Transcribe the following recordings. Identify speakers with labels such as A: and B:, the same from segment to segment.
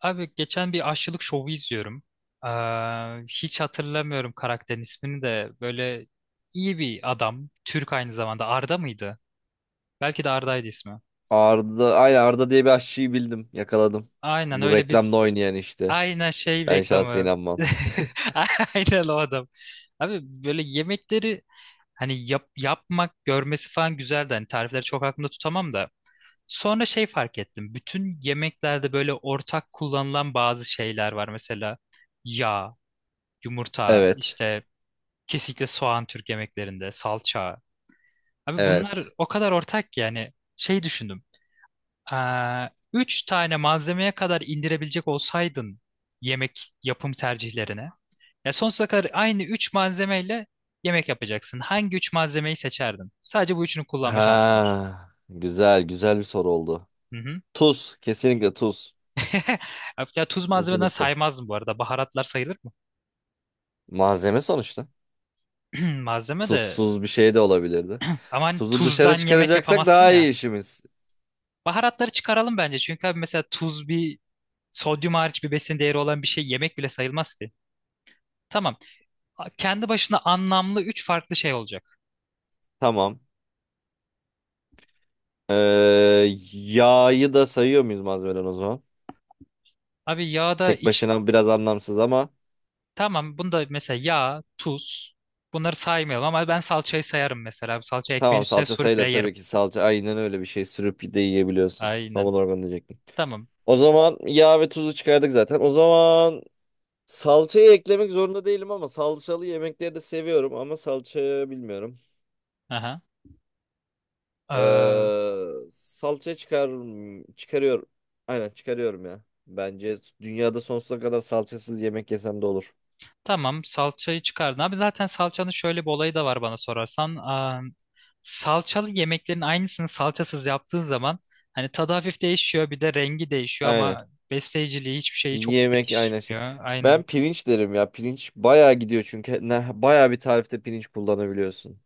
A: Abi geçen bir aşçılık şovu izliyorum. Ee, Hiç hatırlamıyorum karakterin ismini de. Böyle iyi bir adam. Türk aynı zamanda. Arda mıydı? Belki de Arda'ydı ismi.
B: Arda, aynen Arda diye bir aşçıyı bildim. Yakaladım.
A: Aynen
B: Bu
A: öyle
B: reklamda
A: bir...
B: oynayan işte.
A: Aynen şey
B: Ben şahsen
A: reklamı.
B: inanmam.
A: Aynen o adam. Abi böyle yemekleri hani yap, yapmak, görmesi falan güzeldi. Hani tarifleri çok aklımda tutamam da. Sonra şey fark ettim. Bütün yemeklerde böyle ortak kullanılan bazı şeyler var. Mesela yağ. Yumurta,
B: Evet.
A: işte kesinlikle soğan Türk yemeklerinde, salça. Abi bunlar
B: Evet.
A: o kadar ortak ki yani şey düşündüm. Üç tane malzemeye kadar indirebilecek olsaydın yemek yapım tercihlerine. Ya sonsuza kadar aynı üç malzemeyle yemek yapacaksın. Hangi üç malzemeyi seçerdin? Sadece bu üçünü kullanma şansın var.
B: Ha, güzel, güzel bir soru oldu.
A: Hı hı.
B: Tuz, kesinlikle tuz.
A: Ya tuz malzemeden
B: Kesinlikle.
A: saymazdım bu arada. Baharatlar sayılır mı?
B: Malzeme sonuçta.
A: Malzeme de.
B: Tuzsuz bir şey de olabilirdi.
A: Ama hani
B: Tuzu dışarı
A: tuzdan yemek
B: çıkaracaksak
A: yapamazsın
B: daha iyi
A: ya.
B: işimiz.
A: Baharatları çıkaralım bence. Çünkü abi mesela tuz bir sodyum hariç bir besin değeri olan bir şey yemek bile sayılmaz ki. Tamam. Kendi başına anlamlı üç farklı şey olacak.
B: Tamam. Ee, Yağı da sayıyor muyuz malzemeden o zaman?
A: Abi yağda
B: Tek
A: iç...
B: başına biraz anlamsız ama
A: Tamam bunda mesela yağ, tuz bunları saymayalım ama ben salçayı sayarım mesela. Abi salça ekmeğin
B: tamam,
A: üstüne
B: salça
A: sürüp
B: sayılır.
A: bile yerim.
B: Tabii ki salça aynen öyle bir şey sürüp de yiyebiliyorsun. Tam
A: Aynen.
B: olarak onu diyecektim.
A: Tamam.
B: O zaman yağ ve tuzu çıkardık zaten. O zaman salçayı eklemek zorunda değilim ama salçalı yemekleri de seviyorum ama salça bilmiyorum.
A: Aha. Ee,
B: Salça çıkar Çıkarıyorum. Aynen çıkarıyorum ya. Bence dünyada sonsuza kadar salçasız yemek yesem de olur.
A: Tamam salçayı çıkardın. Abi zaten salçanın şöyle bir olayı da var bana sorarsan. Salçalı yemeklerin aynısını salçasız yaptığın zaman hani tadı hafif değişiyor bir de rengi değişiyor
B: Aynen.
A: ama besleyiciliği hiçbir şeyi çok
B: Yemek aynen şey.
A: değişmiyor.
B: Ben
A: Aynen.
B: pirinç derim ya. Pirinç bayağı gidiyor çünkü ne bayağı bir tarifte pirinç kullanabiliyorsun.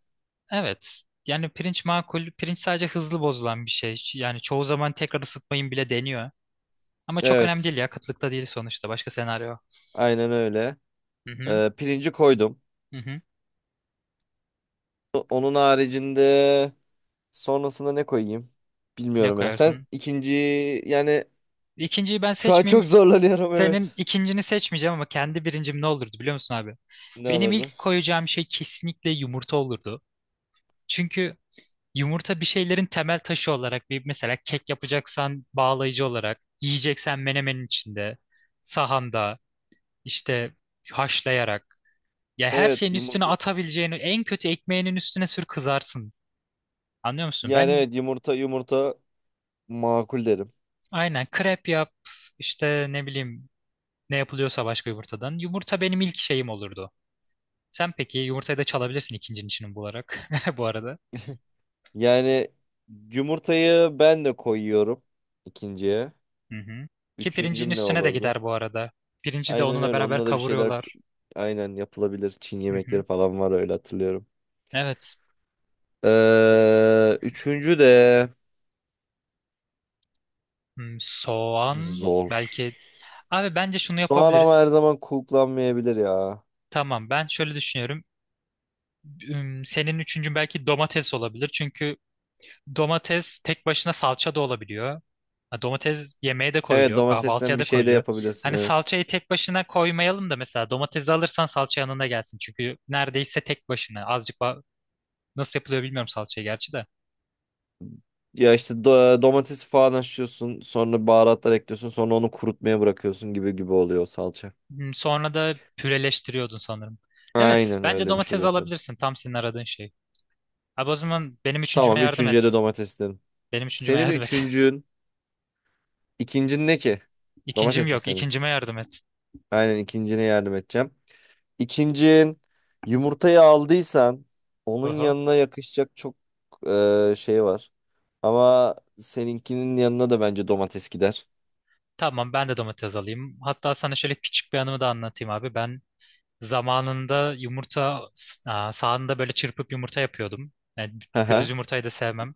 A: Evet. Yani pirinç makul. Pirinç sadece hızlı bozulan bir şey. Yani çoğu zaman tekrar ısıtmayın bile deniyor. Ama çok önemli değil
B: Evet.
A: ya. Kıtlıkta değil sonuçta. Başka senaryo.
B: Aynen öyle.
A: Hı hı.
B: Pirinci koydum.
A: Hı hı.
B: Onun haricinde sonrasında ne koyayım?
A: Ne
B: Bilmiyorum ya. Sen
A: koyarsın?
B: ikinci, yani
A: İkinciyi ben
B: şu an
A: seçmeyeyim.
B: çok zorlanıyorum,
A: Senin
B: evet.
A: ikincini seçmeyeceğim ama kendi birincim ne olurdu biliyor musun abi?
B: Ne
A: Benim
B: alırdı?
A: ilk koyacağım şey kesinlikle yumurta olurdu. Çünkü yumurta bir şeylerin temel taşı olarak bir mesela kek yapacaksan bağlayıcı olarak, yiyeceksen menemenin içinde, sahanda, işte haşlayarak. Ya her
B: Evet,
A: şeyin üstüne
B: yumurta.
A: atabileceğini en kötü ekmeğinin üstüne sür kızarsın. Anlıyor musun?
B: Yani
A: Ben
B: evet, yumurta makul derim.
A: aynen krep yap işte ne bileyim ne yapılıyorsa başka yumurtadan. Yumurta benim ilk şeyim olurdu. Sen peki yumurtayı da çalabilirsin ikincinin içini bularak bu arada.
B: Yani yumurtayı ben de koyuyorum ikinciye.
A: Hı hı. Ki pirincin
B: Üçüncüm ne
A: üstüne de
B: olurdu?
A: gider bu arada. Pirinci de
B: Aynen
A: onunla
B: öyle.
A: beraber
B: Onunla da bir şeyler
A: kavuruyorlar.
B: aynen yapılabilir. Çin
A: Hı
B: yemekleri
A: hı.
B: falan var öyle hatırlıyorum.
A: Evet.
B: Üçüncü de
A: Soğan
B: zor.
A: belki. Abi bence şunu
B: Soğan ama her
A: yapabiliriz.
B: zaman kullanmayabilir ya.
A: Tamam ben şöyle düşünüyorum. Senin üçüncün belki domates olabilir. Çünkü domates tek başına salça da olabiliyor. Ha, Domates yemeğe de
B: Evet,
A: koyuluyor,
B: domatesten
A: kahvaltıya
B: bir
A: da
B: şey de
A: koyuluyor.
B: yapabilirsin,
A: Hani
B: evet.
A: salçayı tek başına koymayalım da mesela domatesi alırsan salça yanında gelsin. Çünkü neredeyse tek başına. Nasıl yapılıyor bilmiyorum salçayı gerçi de.
B: Ya işte domatesi falan haşlıyorsun, sonra baharatlar ekliyorsun, sonra onu kurutmaya bırakıyorsun gibi gibi oluyor o salça.
A: Sonra da püreleştiriyordun sanırım. Evet,
B: Aynen
A: bence
B: öyle bir şeyler
A: domates
B: yapıyorum.
A: alabilirsin. Tam senin aradığın şey. Abi o zaman benim üçüncüme
B: Tamam,
A: yardım
B: üçüncüye
A: et.
B: de domates dedim.
A: Benim üçüncüme
B: Senin
A: yardım et.
B: üçüncün, ikincin ne ki?
A: İkincim
B: Domates mi
A: yok,
B: senin?
A: İkincime yardım et.
B: Aynen, ikincine yardım edeceğim. İkincin, yumurtayı aldıysan onun
A: Aha.
B: yanına yakışacak çok şey var. Ama seninkinin yanına da bence domates gider.
A: Tamam ben de domates alayım. Hatta sana şöyle küçük bir anımı da anlatayım abi. Ben zamanında sahanda böyle çırpıp yumurta yapıyordum. Yani
B: Hı
A: göz
B: hı.
A: yumurtayı da sevmem.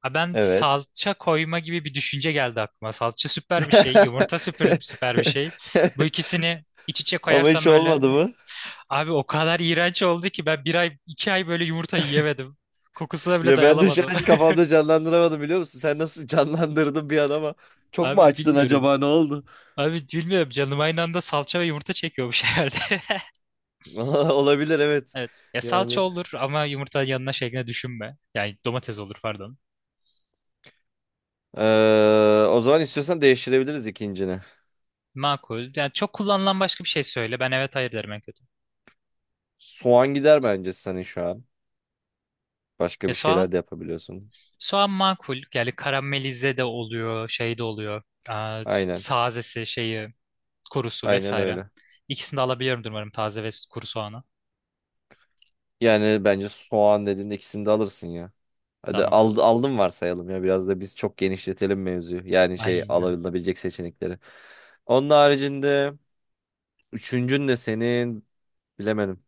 A: Ha ben
B: Evet.
A: salça koyma gibi bir düşünce geldi aklıma. Salça süper bir şey, yumurta süper süper bir şey. Bu ikisini iç içe
B: Ama hiç
A: koyarsam böyle
B: olmadı mı?
A: abi o kadar iğrenç oldu ki ben bir ay iki ay böyle yumurta yiyemedim. Kokusuna bile
B: Ya ben de şu
A: dayanamadım.
B: an hiç kafamda canlandıramadım, biliyor musun? Sen nasıl canlandırdın bir an, ama çok mu
A: Abi
B: açtın
A: bilmiyorum.
B: acaba, ne oldu?
A: Abi bilmiyorum canım aynı anda salça ve yumurta çekiyormuş herhalde.
B: Olabilir, evet.
A: Evet. Ya salça
B: Yani,
A: olur ama yumurta yanına şeklinde düşünme. Yani domates olur pardon.
B: O zaman istiyorsan değiştirebiliriz ikincini.
A: Makul. Yani çok kullanılan başka bir şey söyle. Ben evet hayır derim en kötü.
B: Soğan gider bence senin şu an. Başka
A: Ya
B: bir
A: soğan,
B: şeyler de yapabiliyorsun.
A: soğan makul. Yani karamelize de oluyor, şey de oluyor.
B: Aynen.
A: Sazesi, şeyi, kurusu
B: Aynen
A: vesaire.
B: öyle.
A: İkisini de alabiliyorumdur umarım taze ve kuru soğanı.
B: Yani bence soğan dediğimde ikisini de alırsın ya. Hadi
A: Tamam.
B: al, aldım varsayalım ya. Biraz da biz çok genişletelim mevzuyu. Yani şey,
A: Aynen.
B: alınabilecek seçenekleri. Onun haricinde üçüncün de senin, bilemedim.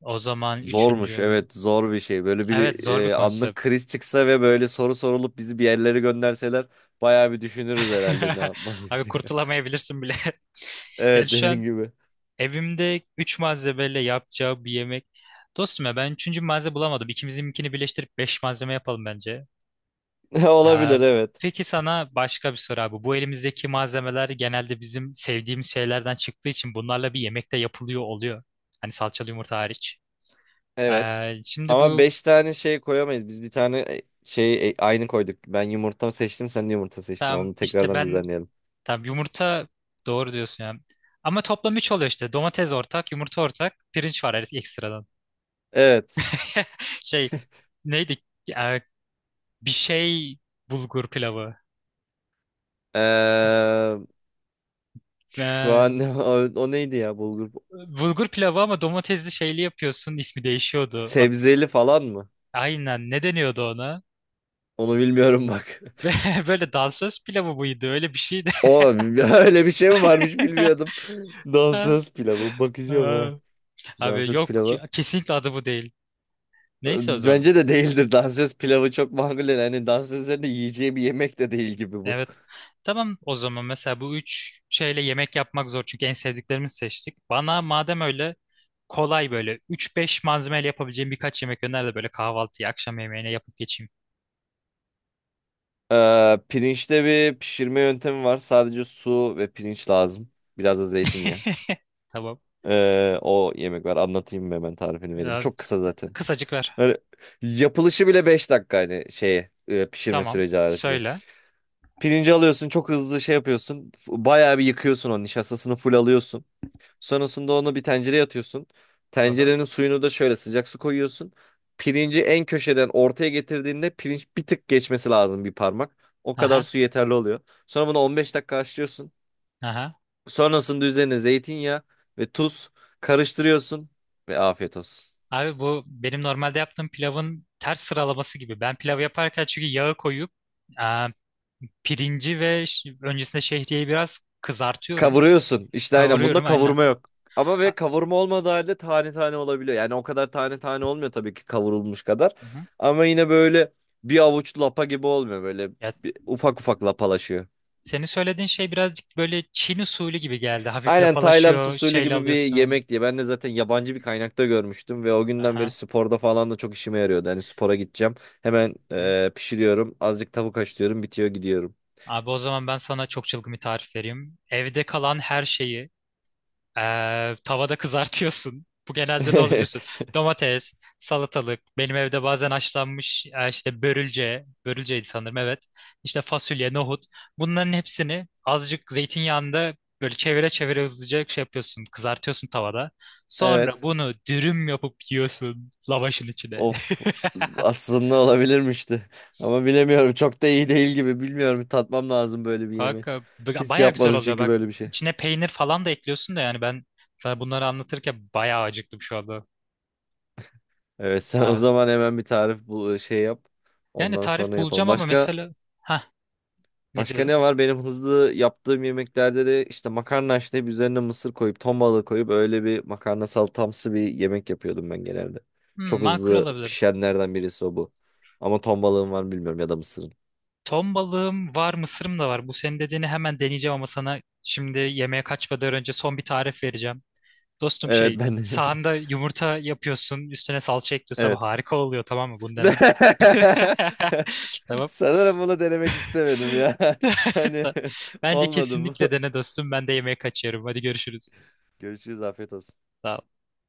A: O zaman
B: Zormuş,
A: üçüncüm.
B: evet, zor bir şey. Böyle
A: Evet
B: bir
A: zor bir
B: anlık
A: konsept.
B: kriz çıksa ve böyle soru sorulup bizi bir yerlere gönderseler bayağı bir düşünürüz herhalde ne
A: Abi
B: yapmalıyız diye.
A: kurtulamayabilirsin bile. Yani
B: Evet,
A: şu
B: dediğin
A: an
B: gibi.
A: evimde üç malzemeyle yapacağı bir yemek. Dostum ya ben üçüncü malzeme bulamadım. İkimizinkini birleştirip beş malzeme yapalım bence. Ee,
B: Olabilir, evet.
A: peki sana başka bir soru abi. Bu elimizdeki malzemeler genelde bizim sevdiğimiz şeylerden çıktığı için bunlarla bir yemekte yapılıyor oluyor. Hani salçalı yumurta hariç.
B: Evet.
A: Şimdi
B: Ama
A: bu
B: 5 tane şey koyamayız. Biz bir tane aynı koyduk. Ben yumurta seçtim, sen de yumurta seçtin.
A: tam
B: Onu
A: işte
B: tekrardan
A: ben
B: düzenleyelim.
A: tam yumurta doğru diyorsun ya. Ama toplam 3 oluyor işte. Domates ortak, yumurta ortak, pirinç var ekstradan.
B: Evet.
A: Şey neydi? Ee, Bir şey bulgur pilavı.
B: Ee, Şu
A: Ben-
B: an o, o neydi ya, bulgur?
A: Bulgur pilavı ama domatesli şeyli yapıyorsun. İsmi değişiyordu.
B: Sebzeli falan mı?
A: Aynen ne deniyordu ona?
B: Onu bilmiyorum bak.
A: Ve böyle dansöz pilavı mıydı? Öyle bir şeydi.
B: O öyle bir şey mi varmış, bilmiyordum. Dansöz pilavı bakacağım
A: Aa,
B: ha.
A: Abi
B: Dansöz
A: yok
B: pilavı.
A: kesinlikle adı bu değil. Neyse o zaman.
B: Bence de değildir. Dansöz pilavı çok makul değil. Hani dansözlerin de yiyeceği bir yemek de değil gibi bu.
A: Evet. Tamam o zaman mesela bu üç şeyle yemek yapmak zor çünkü en sevdiklerimizi seçtik. Bana madem öyle kolay böyle üç beş malzemeyle yapabileceğim birkaç yemek öner de böyle kahvaltıya akşam yemeğine yapıp geçeyim.
B: Pirinçte bir pişirme yöntemi var. Sadece su ve pirinç lazım. Biraz da zeytinyağı.
A: Tamam.
B: O yemek var. Anlatayım mı, hemen tarifini vereyim.
A: Ee,
B: Çok kısa zaten.
A: Kısacık ver.
B: Yani yapılışı bile 5 dakika, hani şeye pişirme
A: Tamam.
B: süreci harici.
A: Söyle.
B: Pirinci alıyorsun, çok hızlı şey yapıyorsun. Bayağı bir yıkıyorsun onu, nişastasını full alıyorsun. Sonrasında onu bir tencereye atıyorsun.
A: Aha.
B: Tencerenin suyunu da şöyle, sıcak su koyuyorsun. Pirinci en köşeden ortaya getirdiğinde pirinç bir tık geçmesi lazım, bir parmak. O kadar
A: Aha.
B: su yeterli oluyor. Sonra bunu 15 dakika haşlıyorsun.
A: Aha.
B: Sonrasında üzerine zeytinyağı ve tuz karıştırıyorsun ve afiyet olsun.
A: Abi bu benim normalde yaptığım pilavın ters sıralaması gibi. Ben pilav yaparken çünkü yağı koyup e, pirinci ve öncesinde şehriyeyi biraz kızartıyorum.
B: Kavuruyorsun. İşte aynen, bunda
A: Kavuruyorum aynen.
B: kavurma yok. Ama ve
A: Ha-
B: kavurma olmadığı halde tane tane olabiliyor. Yani o kadar tane tane olmuyor tabii ki, kavrulmuş kadar.
A: Hı-hı.
B: Ama yine böyle bir avuç lapa gibi olmuyor. Böyle
A: Ya,
B: bir, ufak ufak lapalaşıyor.
A: senin söylediğin şey birazcık böyle Çin usulü gibi geldi. Hafif
B: Aynen Tayland
A: lapalaşıyor,
B: usulü
A: şeyle
B: gibi bir
A: alıyorsun.
B: yemek diye. Ben de zaten yabancı bir kaynakta görmüştüm. Ve o günden beri
A: Aha.
B: sporda falan da çok işime yarıyordu. Hani spora gideceğim. Hemen
A: Hı.
B: pişiriyorum. Azıcık tavuk haşlıyorum. Bitiyor, gidiyorum.
A: Abi o zaman ben sana çok çılgın bir tarif vereyim. Evde kalan her şeyi tavada kızartıyorsun. Bu genelde ne olur biliyorsun? Domates, salatalık, benim evde bazen haşlanmış işte börülce, börülceydi sanırım evet. İşte fasulye, nohut. Bunların hepsini azıcık zeytinyağında böyle çevire çevire hızlıca şey yapıyorsun, kızartıyorsun tavada. Sonra
B: Evet.
A: bunu dürüm yapıp yiyorsun lavaşın içine.
B: Of, aslında olabilirmişti. Ama bilemiyorum, çok da iyi değil gibi, bilmiyorum, bir tatmam lazım böyle bir yemeği.
A: Kanka
B: Hiç
A: baya güzel
B: yapmadım
A: oluyor
B: çünkü
A: bak.
B: böyle bir şey.
A: İçine peynir falan da ekliyorsun da yani ben sana bunları anlatırken bayağı acıktım şu anda.
B: Evet sen o zaman hemen bir tarif bul, şey yap.
A: Yani
B: Ondan
A: tarif
B: sonra yapalım.
A: bulacağım ama mesela... Ha, ne
B: Başka
A: diyordun?
B: ne var? Benim hızlı yaptığım yemeklerde de işte makarna haşlayıp üzerine mısır koyup ton balığı koyup öyle bir makarna salatamsı bir yemek yapıyordum ben genelde.
A: Hmm,
B: Çok
A: makul
B: hızlı
A: olabilir.
B: pişenlerden birisi o bu. Ama ton balığın var mı bilmiyorum, ya da mısırın.
A: Ton balığım var, mısırım da var. Bu senin dediğini hemen deneyeceğim ama sana şimdi yemeğe kaçmadan önce son bir tarif vereceğim. Dostum
B: Evet
A: şey,
B: ben
A: sahanda yumurta yapıyorsun, üstüne salça ekliyorsun. Abi
B: evet.
A: harika oluyor tamam mı? Bunu dene. Tamam.
B: Sanırım bunu denemek istemedim ya. Hani
A: Bence
B: olmadı bu.
A: kesinlikle dene dostum. Ben de yemeğe kaçıyorum. Hadi görüşürüz.
B: Görüşürüz, afiyet olsun.
A: Sağ ol.